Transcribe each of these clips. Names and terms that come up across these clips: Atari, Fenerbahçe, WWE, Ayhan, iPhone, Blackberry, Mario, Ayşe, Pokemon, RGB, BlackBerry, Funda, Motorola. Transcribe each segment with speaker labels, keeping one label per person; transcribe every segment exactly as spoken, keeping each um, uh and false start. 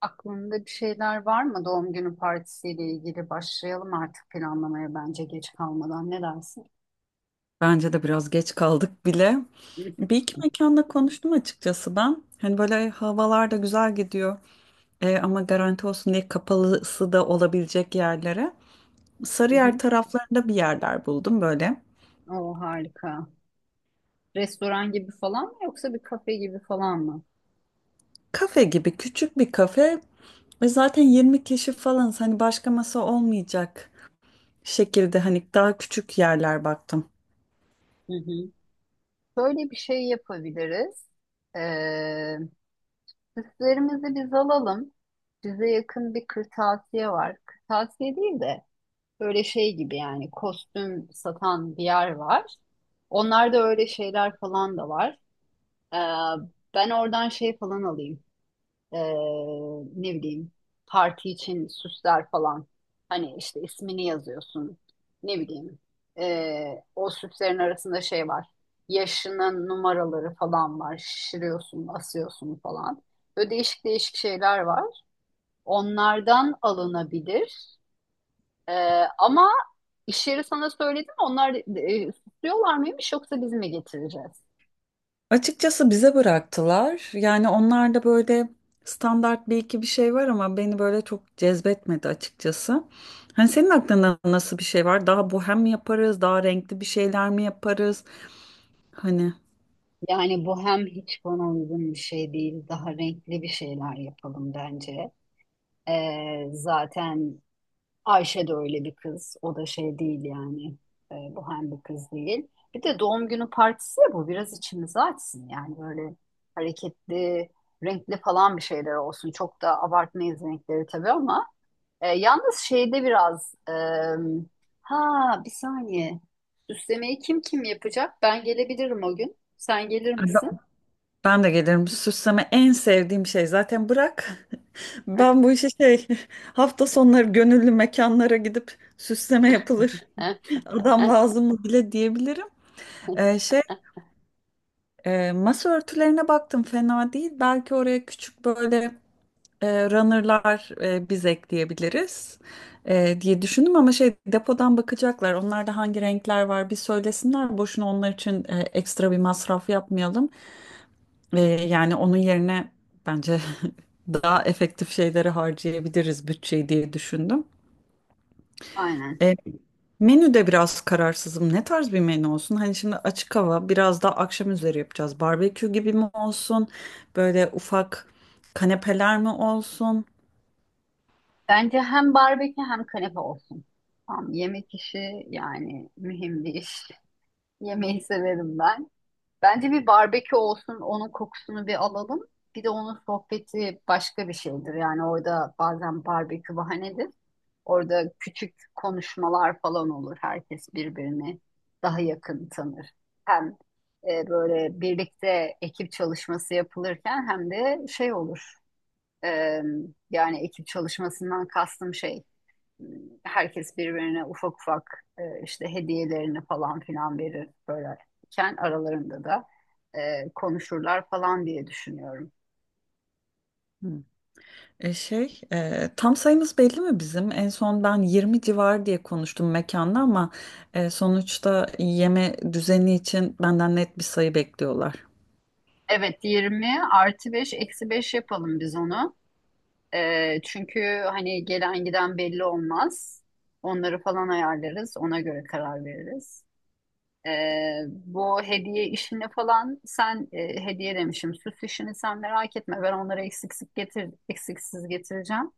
Speaker 1: Aklında bir şeyler var mı doğum günü partisiyle ilgili? Başlayalım artık planlamaya bence geç kalmadan. Ne dersin?
Speaker 2: Bence de biraz geç kaldık bile. Bir iki mekanda konuştum açıkçası ben. Hani böyle havalar da güzel gidiyor. E, ama garanti olsun diye kapalısı da olabilecek yerlere.
Speaker 1: Hı
Speaker 2: Sarıyer
Speaker 1: hı.
Speaker 2: taraflarında bir yerler buldum böyle.
Speaker 1: O harika. Restoran gibi falan mı yoksa bir kafe gibi falan mı?
Speaker 2: Kafe gibi küçük bir kafe ve zaten yirmi kişi falan hani başka masa olmayacak şekilde hani daha küçük yerler baktım.
Speaker 1: Hı hı. Böyle bir şey yapabiliriz. Ee, süslerimizi biz alalım. Bize yakın bir kırtasiye var. Kırtasiye değil de böyle şey gibi yani kostüm satan bir yer var. Onlarda öyle şeyler falan da var. Ee, ben oradan şey falan alayım. Ee, ne bileyim parti için süsler falan. Hani işte ismini yazıyorsun. Ne bileyim. ee, o süslerin arasında şey var. Yaşının numaraları falan var. Şişiriyorsun, asıyorsun falan. Böyle değişik değişik şeyler var. Onlardan alınabilir. Ee, ama iş yeri sana söyledi mi? Onlar e, süslüyorlar mıymış yoksa biz mi getireceğiz?
Speaker 2: Açıkçası bize bıraktılar. Yani onlar da böyle standart bir iki bir şey var ama beni böyle çok cezbetmedi açıkçası. Hani senin aklında nasıl bir şey var? Daha bohem mi yaparız? Daha renkli bir şeyler mi yaparız? Hani
Speaker 1: Yani bu hem hiç bana uygun bir şey değil, daha renkli bir şeyler yapalım bence. Ee, zaten Ayşe de öyle bir kız, o da şey değil yani. Ee, bu hem bir kız değil. Bir de doğum günü partisi ya bu, biraz içimizi açsın yani böyle hareketli, renkli falan bir şeyler olsun. Çok da abartmayız renkleri tabii ama e, yalnız şeyde biraz, e, ha, bir saniye, süslemeyi kim kim yapacak? Ben gelebilirim o gün, sen gelir misin?
Speaker 2: ben de gelirim. Süsleme en sevdiğim şey. Zaten bırak. Ben bu işi şey hafta sonları gönüllü mekanlara gidip süsleme yapılır. Adam lazım mı bile diyebilirim. Ee, şey E, masa örtülerine baktım fena değil. Belki oraya küçük böyle e, runner'lar e, biz ekleyebiliriz e, diye düşündüm ama şey depodan bakacaklar. Onlarda hangi renkler var bir söylesinler. Boşuna onlar için e, ekstra bir masraf yapmayalım. E, yani onun yerine bence daha efektif şeyleri harcayabiliriz bütçeyi diye düşündüm.
Speaker 1: Aynen.
Speaker 2: E, menüde biraz kararsızım. Ne tarz bir menü olsun? Hani şimdi açık hava biraz daha akşam üzeri yapacağız. Barbekü gibi mi olsun? Böyle ufak kanepeler mi olsun?
Speaker 1: Bence hem barbekü hem kanepe olsun. Tam yemek işi yani mühim bir iş. Yemeği severim ben. Bence bir barbekü olsun, onun kokusunu bir alalım. Bir de onun sohbeti başka bir şeydir. Yani orada bazen barbekü bahanedir. Orada küçük konuşmalar falan olur. Herkes birbirini daha yakın tanır. Hem e, böyle birlikte ekip çalışması yapılırken hem de şey olur. Ee, yani ekip çalışmasından kastım şey, herkes birbirine ufak ufak e, işte hediyelerini falan filan verir böyleyken aralarında da e, konuşurlar falan diye düşünüyorum.
Speaker 2: Hmm. E şey, e, tam sayımız belli mi bizim? En son ben yirmi civar diye konuştum mekanda ama e, sonuçta yeme düzeni için benden net bir sayı bekliyorlar.
Speaker 1: Evet, yirmi artı beş eksi beş yapalım biz onu. Ee, çünkü hani gelen giden belli olmaz. Onları falan ayarlarız, ona göre karar veririz. Ee, bu hediye işini falan sen e, hediye demişim, süs işini sen merak etme, ben onları eksiksiz getir eksiksiz getireceğim.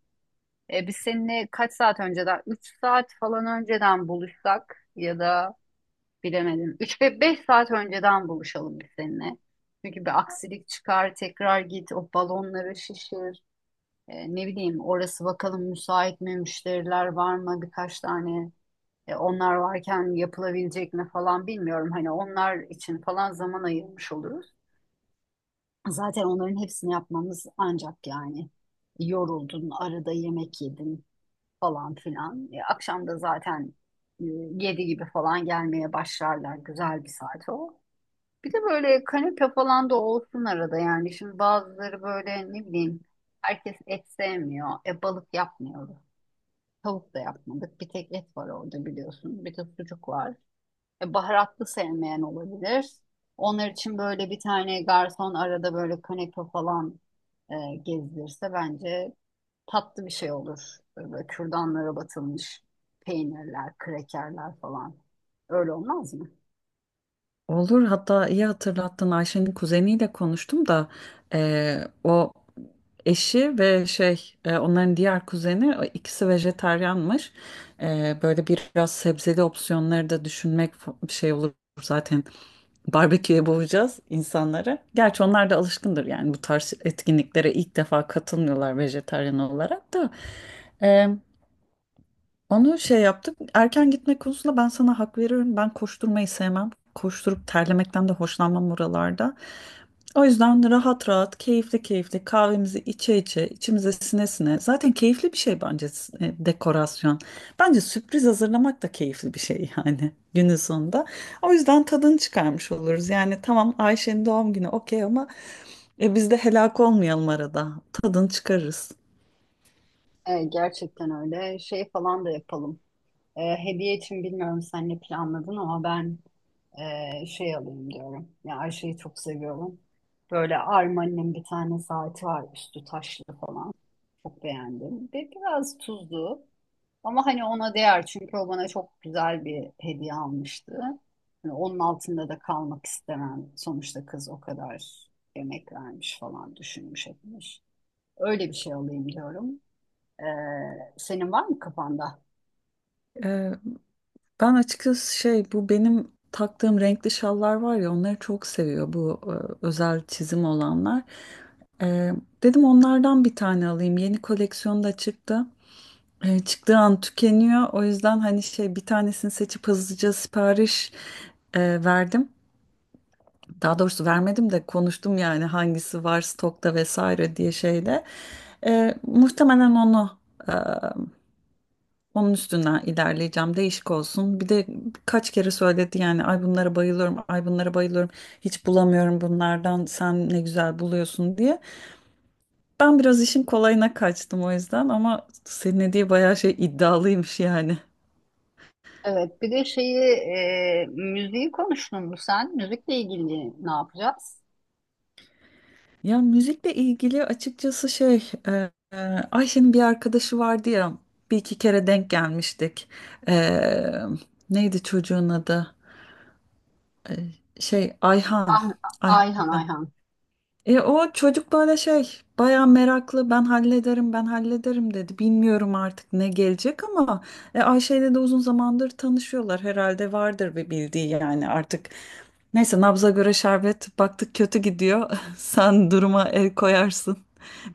Speaker 1: Ee, biz seninle kaç saat önceden, üç saat falan önceden buluşsak ya da bilemedim üç ve beş saat önceden buluşalım biz seninle. Çünkü bir aksilik çıkar, tekrar git o balonları şişir. Ee, ne bileyim, orası bakalım müsait mi, müşteriler var mı, birkaç tane e, onlar varken yapılabilecek mi falan, bilmiyorum. Hani onlar için falan zaman ayırmış oluruz. Zaten onların hepsini yapmamız ancak yani, yoruldun, arada yemek yedin falan filan. E, akşam da zaten e, yedi gibi falan gelmeye başlarlar. Güzel bir saat o. Bir de böyle kanepe falan da olsun arada yani. Şimdi bazıları böyle, ne bileyim, herkes et sevmiyor. E balık yapmıyoruz. Tavuk da yapmadık. Bir tek et var orada, biliyorsun. Bir de sucuk var. E, Baharatlı sevmeyen olabilir. Onlar için böyle bir tane garson arada böyle kanepe falan e, gezdirirse bence tatlı bir şey olur. Böyle kürdanlara batılmış peynirler, krekerler falan. Öyle olmaz mı?
Speaker 2: Olur, hatta iyi hatırlattın, Ayşe'nin kuzeniyle konuştum da eee, o eşi ve şey e, onların diğer kuzeni o ikisi vejetaryanmış. Eee, böyle biraz sebzeli opsiyonları da düşünmek fa- bir şey olur zaten barbeküye boğacağız insanları. Gerçi onlar da alışkındır yani bu tarz etkinliklere ilk defa katılmıyorlar vejetaryen olarak da. Onu şey yaptık. Erken gitmek konusunda ben sana hak veriyorum. Ben koşturmayı sevmem. Koşturup terlemekten de hoşlanmam oralarda. O yüzden rahat rahat, keyifli keyifli kahvemizi içe içe, içimize sine sine. Zaten keyifli bir şey bence e, dekorasyon. Bence sürpriz hazırlamak da keyifli bir şey yani günün sonunda. O yüzden tadını çıkarmış oluruz. Yani tamam Ayşe'nin doğum günü okey ama e, biz de helak olmayalım arada. Tadını çıkarırız.
Speaker 1: E, gerçekten öyle. Şey falan da yapalım. E, hediye için bilmiyorum sen ne planladın ama ben e, şey alayım diyorum. Ya, Ayşe'yi çok seviyorum. Böyle Armani'nin bir tane saati var, üstü taşlı falan. Çok beğendim. Ve biraz tuzlu. Ama hani ona değer, çünkü o bana çok güzel bir hediye almıştı. Hani onun altında da kalmak istemem. Sonuçta kız o kadar emek vermiş, falan düşünmüş etmiş. Öyle bir şey alayım diyorum. E, senin var mı kafanda?
Speaker 2: Ben açıkçası şey bu benim taktığım renkli şallar var ya onları çok seviyor bu e, özel çizim olanlar. E, dedim onlardan bir tane alayım. Yeni koleksiyon da çıktı. E, çıktığı an tükeniyor. O yüzden hani şey bir tanesini seçip hızlıca sipariş e, verdim. Daha doğrusu vermedim de konuştum yani hangisi var stokta vesaire diye şeyde. E, muhtemelen onu e, onun üstünden ilerleyeceğim. Değişik olsun. Bir de kaç kere söyledi yani ay bunlara bayılıyorum, ay bunlara bayılıyorum. Hiç bulamıyorum bunlardan. Sen ne güzel buluyorsun diye. Ben biraz işin kolayına kaçtım o yüzden ama senin hediye bayağı şey iddialıymış yani.
Speaker 1: Evet, bir de şeyi, e, müziği konuştun mu sen? Müzikle ilgili ne yapacağız?
Speaker 2: Ya müzikle ilgili açıkçası şey e, e, Ayşe'nin bir arkadaşı vardı ya bir iki kere denk gelmiştik. E, neydi çocuğun adı? Şey Ayhan.
Speaker 1: Ah, Ayhan,
Speaker 2: Ayhan.
Speaker 1: Ayhan.
Speaker 2: E, o çocuk böyle şey bayağı meraklı ben hallederim ben hallederim dedi. Bilmiyorum artık ne gelecek ama e, Ayşe ile de uzun zamandır tanışıyorlar herhalde vardır bir bildiği yani artık. Neyse nabza göre şerbet baktık kötü gidiyor. Sen duruma el koyarsın.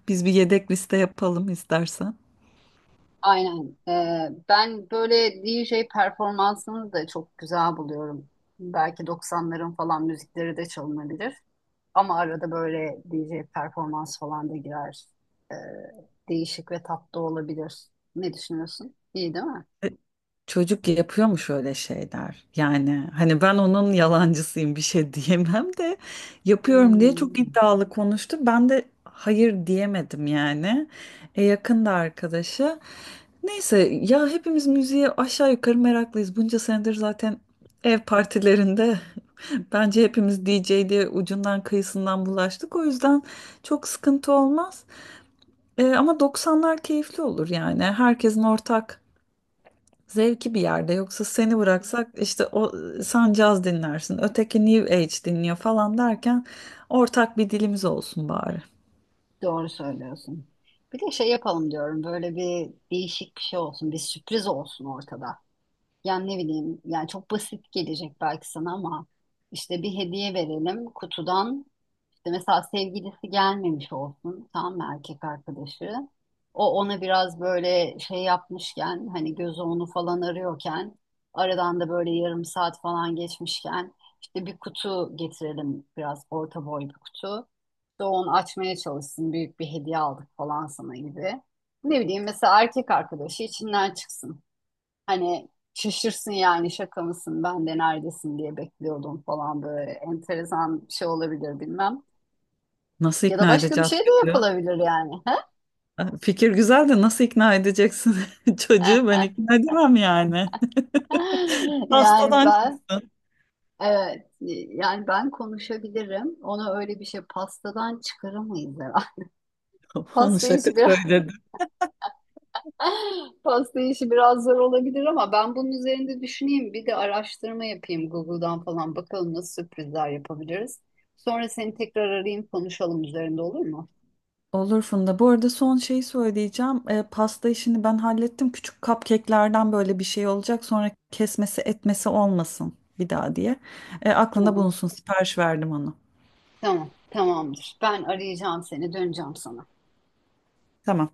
Speaker 2: Biz bir yedek liste yapalım istersen.
Speaker 1: Aynen. E, ben böyle D J performansını da çok güzel buluyorum. Belki doksanların falan müzikleri de çalınabilir. Ama arada böyle D J performans falan da girer. E, değişik ve tatlı olabilir. Ne düşünüyorsun? İyi değil mi?
Speaker 2: E, çocuk yapıyor mu şöyle şeyler? Yani hani ben onun yalancısıyım bir şey diyemem de yapıyorum diye çok
Speaker 1: Hmm.
Speaker 2: iddialı konuştu. Ben de hayır diyemedim yani. E, yakında arkadaşı. Neyse ya hepimiz müziğe aşağı yukarı meraklıyız. Bunca senedir zaten ev partilerinde bence hepimiz D J'de ucundan kıyısından bulaştık. O yüzden çok sıkıntı olmaz. Ee, ama doksanlar keyifli olur yani. Herkesin ortak zevki bir yerde. Yoksa seni bıraksak işte o sen caz dinlersin, öteki New Age dinliyor falan derken ortak bir dilimiz olsun bari.
Speaker 1: Doğru söylüyorsun. Bir de şey yapalım diyorum. Böyle bir değişik bir şey olsun. Bir sürpriz olsun ortada. Yani ne bileyim. Yani çok basit gelecek belki sana ama işte bir hediye verelim kutudan. İşte mesela sevgilisi gelmemiş olsun, tam mı erkek arkadaşı. O ona biraz böyle şey yapmışken, hani gözü onu falan arıyorken, aradan da böyle yarım saat falan geçmişken, işte bir kutu getirelim, biraz orta boy bir kutu. İşte onu açmaya çalışsın, büyük bir hediye aldık falan sana gibi. Ne bileyim, mesela erkek arkadaşı içinden çıksın. Hani şaşırsın yani, şaka mısın, ben de neredesin diye bekliyordum falan, böyle enteresan bir şey olabilir, bilmem.
Speaker 2: Nasıl
Speaker 1: Ya da
Speaker 2: ikna
Speaker 1: başka bir
Speaker 2: edeceğiz
Speaker 1: şey de
Speaker 2: diyor.
Speaker 1: yapılabilir yani.
Speaker 2: Fikir güzel de nasıl ikna edeceksin çocuğu ben ikna edemem yani.
Speaker 1: Yani
Speaker 2: Hastadan
Speaker 1: ben
Speaker 2: çıksın.
Speaker 1: evet yani ben konuşabilirim. Ona öyle bir şey, pastadan çıkaramayız herhalde.
Speaker 2: Onu
Speaker 1: Pasta
Speaker 2: şaka
Speaker 1: işi biraz
Speaker 2: söyledim.
Speaker 1: Pasta işi biraz zor olabilir ama ben bunun üzerinde düşüneyim. Bir de araştırma yapayım Google'dan falan, bakalım nasıl sürprizler yapabiliriz. Sonra seni tekrar arayayım, konuşalım üzerinde, olur mu?
Speaker 2: Olur Funda. Bu arada son şeyi söyleyeceğim. E, pasta işini ben hallettim. Küçük cupcake'lerden böyle bir şey olacak. Sonra kesmesi etmesi olmasın bir daha diye. E, aklında
Speaker 1: Tamam.
Speaker 2: bulunsun. Sipariş verdim onu.
Speaker 1: Tamam. Tamamdır. Ben arayacağım seni, döneceğim sana.
Speaker 2: Tamam.